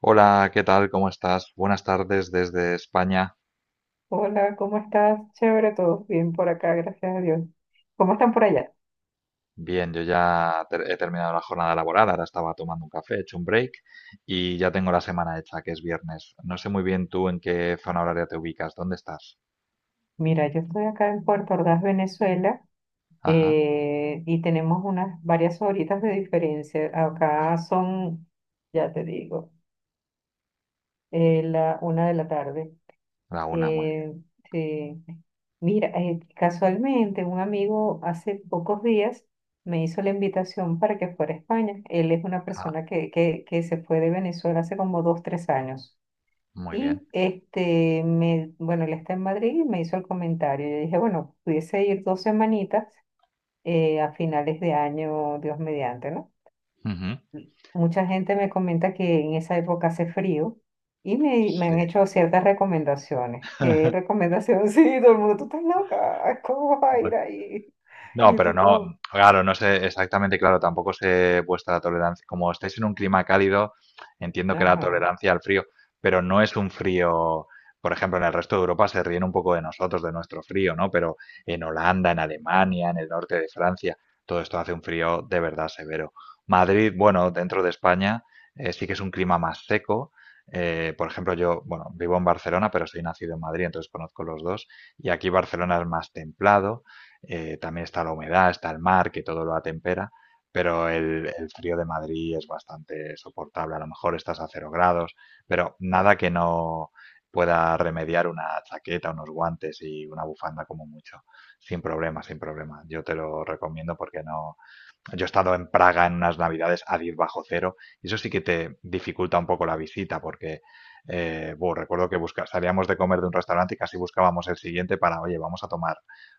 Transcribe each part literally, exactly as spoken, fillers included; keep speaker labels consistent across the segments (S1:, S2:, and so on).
S1: Hola, ¿qué tal? ¿Cómo estás? Buenas tardes desde España.
S2: Hola, ¿cómo estás? Chévere, todo bien por acá, gracias a Dios. ¿Cómo están por allá?
S1: Bien, yo ya ter- he terminado la jornada laboral, ahora estaba tomando un café, he hecho un break y ya tengo la semana hecha, que es viernes. No sé muy bien tú en qué zona horaria te ubicas, ¿dónde estás?
S2: Mira, yo estoy acá en Puerto Ordaz, Venezuela,
S1: Ajá,
S2: eh, y tenemos unas varias horitas de diferencia. Acá son, ya te digo, eh, la una de la tarde.
S1: la una, muy bien.
S2: Eh, sí. Mira, eh, casualmente un amigo hace pocos días me hizo la invitación para que fuera a España. Él es una
S1: Ah,
S2: persona que, que, que se fue de Venezuela hace como dos, tres años.
S1: muy bien.
S2: Y este, me, bueno, él está en Madrid y me hizo el comentario. Yo dije, bueno, pudiese ir dos semanitas eh, a finales de año, Dios mediante, ¿no?
S1: Ujú.
S2: Y mucha gente me comenta que en esa época hace frío y me, me
S1: Sí.
S2: han hecho ciertas recomendaciones. ¿Qué recomendación? Sí, todo el mundo, tú estás loca, ¿cómo vas a ir ahí? Y
S1: No,
S2: yo,
S1: pero
S2: ¿qué cómo?
S1: no, claro, no sé exactamente, claro, tampoco sé vuestra tolerancia. Como estáis en un clima cálido, entiendo que la
S2: Ajá,
S1: tolerancia al frío, pero no es un frío, por ejemplo, en el resto de Europa se ríen un poco de nosotros, de nuestro frío, ¿no? Pero en Holanda, en Alemania, en el norte de Francia, todo esto hace un frío de verdad severo. Madrid, bueno, dentro de España, eh, sí que es un clima más seco. Eh, por ejemplo, yo, bueno, vivo en Barcelona, pero soy nacido en Madrid, entonces conozco los dos. Y aquí Barcelona es más templado, eh, también está la humedad, está el mar, que todo lo atempera, pero el, el frío de Madrid es bastante soportable. A lo mejor estás a cero grados, pero nada que no pueda remediar una chaqueta, unos guantes y una bufanda como mucho. Sin problema, sin problema. Yo te lo recomiendo porque no, yo he estado en Praga en unas navidades a diez bajo cero y eso sí que te dificulta un poco la visita porque eh, buh, recuerdo que busca, salíamos de comer de un restaurante y casi buscábamos el siguiente para, oye, vamos a tomar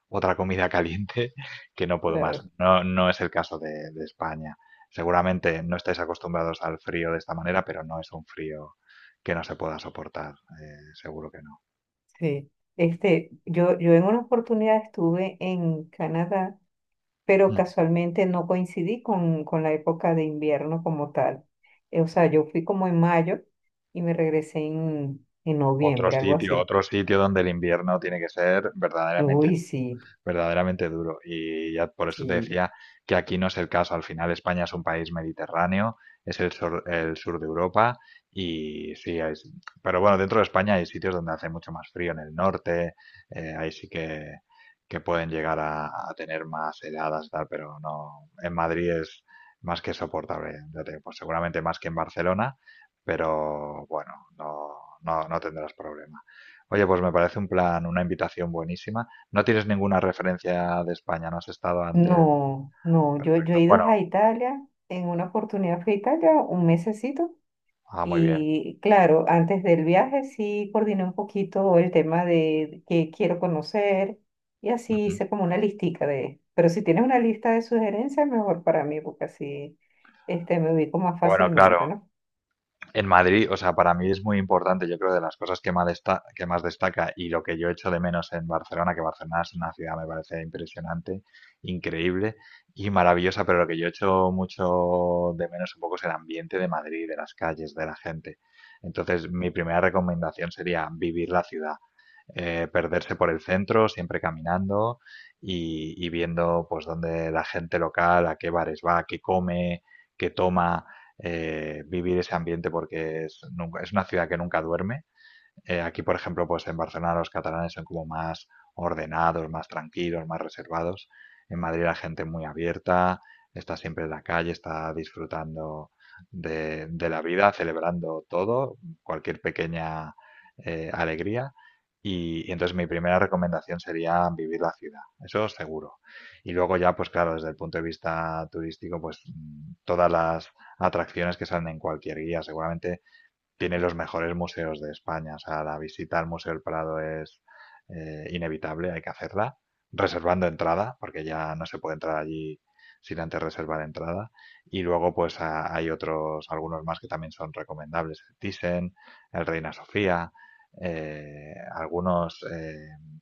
S1: otra comida caliente que no puedo
S2: claro,
S1: más. No, no es el caso de, de España. Seguramente no estáis acostumbrados al frío de esta manera, pero no es un frío que no se pueda soportar, eh, seguro que no.
S2: sí. Este, yo, yo en una oportunidad estuve en Canadá pero
S1: Ujú.
S2: casualmente no coincidí con, con la época de invierno como tal. Eh, o sea, yo fui como en mayo y me regresé en, en
S1: Otro
S2: noviembre, algo
S1: sitio,
S2: así.
S1: otro sitio donde el invierno tiene que ser verdaderamente
S2: Uy, sí,
S1: verdaderamente duro. Y ya por eso te
S2: sí.
S1: decía que aquí no es el caso. Al final España es un país mediterráneo, es el sur, el sur de Europa y sí, es, pero bueno, dentro de España hay sitios donde hace mucho más frío, en el norte, eh, ahí sí que, que pueden llegar a, a tener más heladas y tal, pero no, en Madrid es más que soportable, ya te digo, pues seguramente más que en Barcelona, pero bueno, no, no, no tendrás problema. Oye, pues me parece un plan, una invitación buenísima. No tienes ninguna referencia de España, no has estado antes.
S2: No, no, yo, yo he
S1: Perfecto.
S2: ido
S1: Bueno,
S2: a Italia, en una oportunidad fui a Italia un mesecito.
S1: ah, muy bien.
S2: Y claro, antes del viaje sí coordiné un poquito el tema de qué quiero conocer y así
S1: Ujú.
S2: hice como una listica de, pero si tienes una lista de sugerencias, mejor para mí, porque así este, me ubico más
S1: Bueno, claro,
S2: fácilmente, ¿no?
S1: en Madrid, o sea, para mí es muy importante, yo creo, de las cosas que más, desta- que más destaca y lo que yo echo de menos en Barcelona, que Barcelona es una ciudad, me parece impresionante, increíble y maravillosa, pero lo que yo echo mucho de menos un poco es el ambiente de Madrid, de las calles, de la gente. Entonces, mi primera recomendación sería vivir la ciudad, eh, perderse por el centro, siempre caminando y, y viendo pues dónde la gente local, a qué bares va, qué come, qué toma, eh, vivir ese ambiente porque es, nunca- es una ciudad que nunca duerme, eh, aquí, por ejemplo, pues en Barcelona los catalanes son como más ordenados, más tranquilos, más reservados. En Madrid la gente muy abierta, está siempre en la calle, está disfrutando de, de la vida, celebrando todo, cualquier pequeña eh, alegría. Y, y entonces mi primera recomendación sería vivir la ciudad, eso seguro. Y luego ya, pues claro, desde el punto de vista turístico, pues mm, todas las atracciones que salen en cualquier guía, seguramente tiene los mejores museos de España. O sea, la visita al Museo del Prado es eh, inevitable, hay que hacerla, reservando entrada, porque ya no se puede entrar allí sin antes reservar entrada. Y luego, pues a- hay otros, algunos más que también son recomendables: el Thyssen, el Reina Sofía, eh, algunos eh,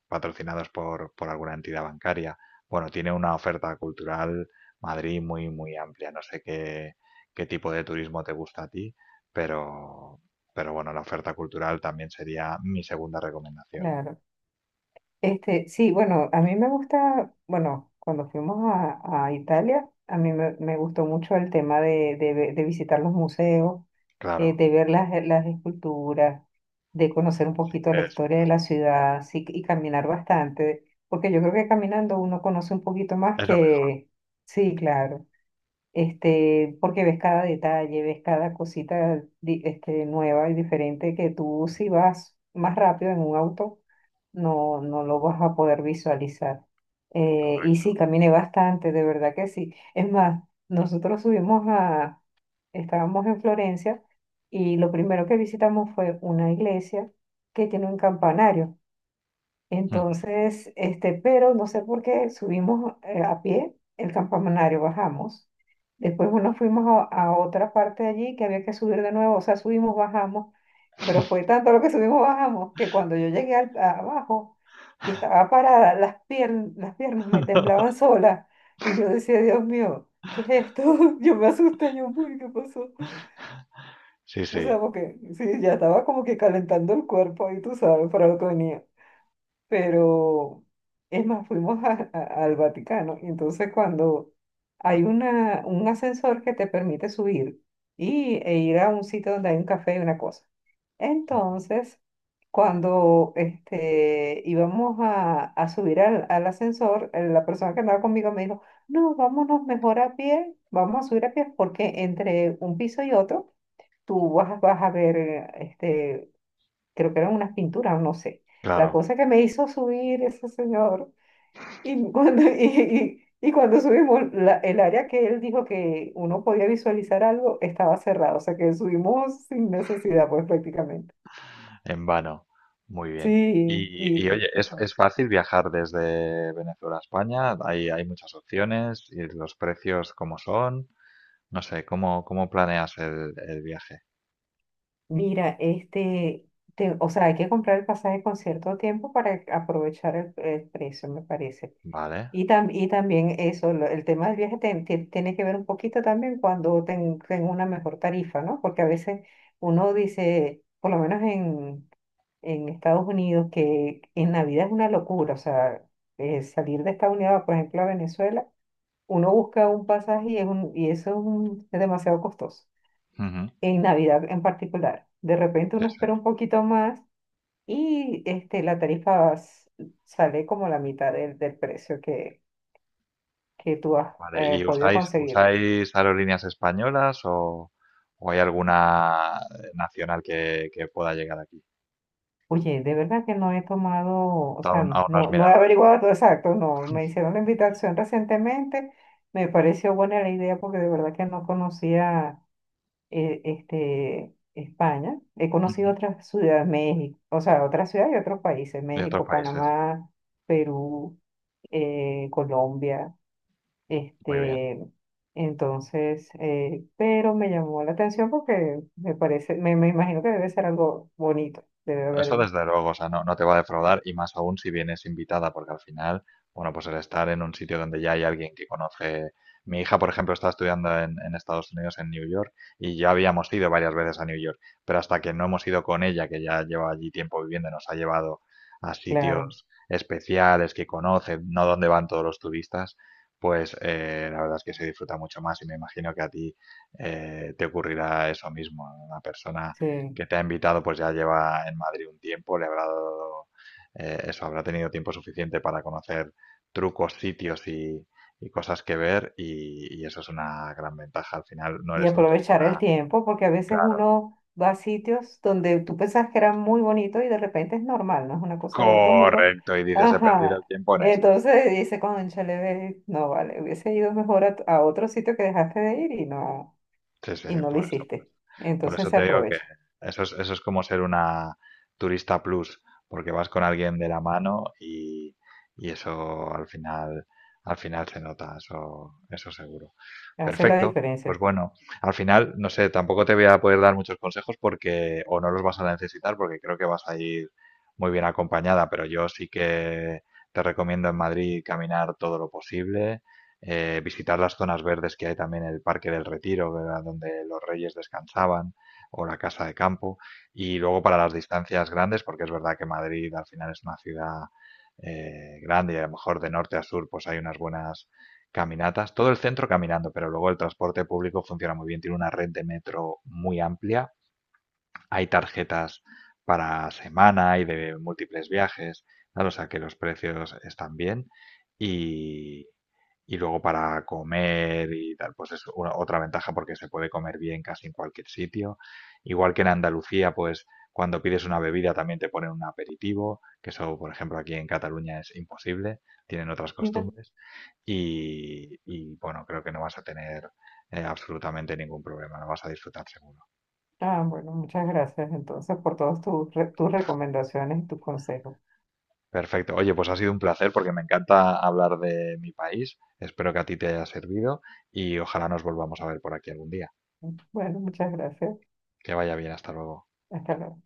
S1: patrocinados por, por alguna entidad bancaria. Bueno, tiene una oferta cultural Madrid muy, muy amplia. No sé qué, qué tipo de turismo te gusta a ti, pero pero bueno, la oferta cultural también sería mi segunda recomendación.
S2: Claro. Este, sí, bueno, a mí me gusta, bueno, cuando fuimos a, a Italia, a mí me, me gustó mucho el tema de, de, ve- de visitar los museos,
S1: Claro,
S2: eh, de ver las, las esculturas, de conocer un
S1: si
S2: poquito la
S1: quieres,
S2: historia de la ciudad, sí, y caminar bastante, porque yo creo que caminando uno conoce un poquito más
S1: es lo mejor,
S2: que, sí, claro, este, porque ves cada detalle, ves cada cosita, di- este, nueva y diferente que tú si vas más rápido en un auto no, no lo vas a poder visualizar. Eh, y sí,
S1: correcto.
S2: caminé bastante, de verdad que sí. Es más, nosotros subimos a, estábamos en Florencia y lo primero que visitamos fue una iglesia que tiene un campanario.
S1: Ujú.
S2: Entonces, este, pero no sé por qué subimos eh, a pie el campanario, bajamos. Después nos fuimos a, a otra parte de allí que había que subir de nuevo, o sea, subimos, bajamos pero fue tanto lo que subimos, bajamos, que cuando yo llegué al- a- abajo y estaba parada, las piernas, las piernas me temblaban solas. Y yo decía, Dios mío, ¿qué es esto? Yo me asusté, yo, "Uy, ¿qué pasó?
S1: Sí,
S2: O
S1: sí,
S2: sea, porque sí, ya estaba como que calentando el cuerpo y tú sabes para lo que venía pero es más, fuimos a- a- al Vaticano y entonces cuando hay una, un ascensor que te permite subir y, e ir a un sitio donde hay un café y una cosa. Entonces, cuando este, íbamos a, a subir al, al ascensor, eh, la persona que andaba conmigo me dijo, no, vámonos mejor a pie, vamos a subir a pie porque entre un piso y otro tú vas, vas a ver eh, este, creo que eran unas pinturas, no sé.
S1: claro,
S2: La cosa que me hizo subir ese señor, y cuando, y, y- y cuando subimos, la- el área que él dijo que uno podía visualizar algo estaba cerrado, o sea que subimos sin necesidad, pues prácticamente.
S1: en vano. Muy bien.
S2: Sí,
S1: Y, y
S2: y
S1: oye, ¿es, es fácil viajar desde Venezuela a España? Hay, hay muchas opciones y los precios cómo son. No sé, ¿cómo, cómo planeas el, el viaje?
S2: mira, este, te- o sea, hay que comprar el pasaje con cierto tiempo para aprovechar el, el precio, me parece.
S1: Vale.
S2: Y, tam- y también eso, lo- el tema del viaje te- te- tiene que ver un poquito también cuando ten- tengo una mejor tarifa, ¿no? Porque a veces uno dice, por lo menos en, en Estados Unidos, que en Navidad es una locura, o sea, eh, salir de Estados Unidos, por ejemplo, a Venezuela, uno busca un pasaje y, es un- y eso es, un- es demasiado costoso,
S1: Ujú.
S2: en Navidad en particular. De repente
S1: Sí,
S2: uno
S1: sí.
S2: espera un poquito más y este, la tarifa s- sale como la mitad del, del precio que tú has
S1: Vale,
S2: eh,
S1: ¿y
S2: podido
S1: usáis,
S2: conseguir.
S1: usáis aerolíneas españolas o, o hay alguna eh, nacional que, que pueda llegar aquí?
S2: Oye, de verdad que no he tomado, o sea,
S1: Aún, aún no has
S2: no, no
S1: mirado.
S2: he averiguado todo exacto, no, me hicieron la invitación recientemente, me pareció buena la idea porque de verdad que no conocía eh, este, España, he conocido
S1: Ujú.
S2: otras ciudades, México, o sea, otras ciudades y otros países,
S1: De otros
S2: México,
S1: países.
S2: Panamá, Perú, eh, Colombia.
S1: Muy bien.
S2: Este, entonces, eh, pero me llamó la atención porque me parece, me, me imagino que debe ser algo bonito, debe
S1: Eso
S2: haber,
S1: desde luego, o sea, no, no te va a defraudar y más aún si vienes invitada, porque al final, bueno, pues el estar en un sitio donde ya hay alguien que conoce. Mi hija, por ejemplo, está estudiando en, en Estados Unidos, en New York, y ya habíamos ido varias veces a New York, pero hasta que no hemos ido con ella, que ya lleva allí tiempo viviendo, y nos ha llevado a
S2: claro,
S1: sitios especiales que conoce, no donde van todos los turistas, pues eh, la verdad es que se disfruta mucho más y me imagino que a ti eh, te ocurrirá eso mismo, una persona
S2: sí.
S1: que te ha invitado, pues ya lleva en Madrid un tiempo, le habrá dado, eh, eso, habrá tenido tiempo suficiente para conocer trucos, sitios y, y cosas que ver, y, y eso es una gran ventaja. Al final no
S2: Y
S1: eres un turista,
S2: aprovechar el tiempo porque a veces
S1: claro,
S2: uno va a sitios donde tú pensabas que era muy bonito y de repente es normal, no es una cosa del otro mundo.
S1: correcto, y dices, he perdido
S2: Ajá.
S1: el tiempo en esto.
S2: Entonces dice, cónchale, ve, no vale, hubiese ido mejor a, a otro sitio que dejaste de ir y no,
S1: Sí, sí,
S2: y no lo
S1: por eso, por
S2: hiciste.
S1: eso. Por
S2: Entonces
S1: eso
S2: se
S1: te digo que
S2: aprovecha,
S1: eso es, eso es como ser una turista plus, porque vas con alguien de la mano y, y eso al final, al final se nota, eso, eso seguro.
S2: hace la
S1: Perfecto. Pues
S2: diferencia.
S1: bueno, al final, no sé, tampoco te voy a poder dar muchos consejos porque, o no los vas a necesitar porque creo que vas a ir muy bien acompañada, pero yo sí que te recomiendo en Madrid caminar todo lo posible, eh, visitar las zonas verdes que hay también, el Parque del Retiro, ¿verdad? Donde los reyes descansaban, o la Casa de Campo, y luego para las distancias grandes, porque es verdad que Madrid al final es una ciudad eh, grande y a lo mejor de norte a sur pues hay unas buenas caminatas, todo el centro caminando, pero luego el transporte público funciona muy bien, tiene una red de metro muy amplia, hay tarjetas para semana y de múltiples viajes, ¿vale? O sea que los precios están bien y, y luego para comer y tal, pues es una- otra ventaja porque se puede comer bien casi en cualquier sitio. Igual que en Andalucía, pues cuando pides una bebida también te ponen un aperitivo, que eso, por ejemplo, aquí en Cataluña es imposible, tienen otras costumbres. Y, y, bueno, creo que no vas a tener eh, absolutamente ningún problema, lo vas a disfrutar seguro.
S2: Ah, bueno, muchas gracias entonces por todas tus, re- tus recomendaciones y tus consejos.
S1: Perfecto. Oye, pues ha sido un placer porque me encanta hablar de mi país. Espero que a ti te haya servido y ojalá nos volvamos a ver por aquí algún día.
S2: Bueno, muchas gracias.
S1: Que vaya bien, hasta luego.
S2: Hasta luego.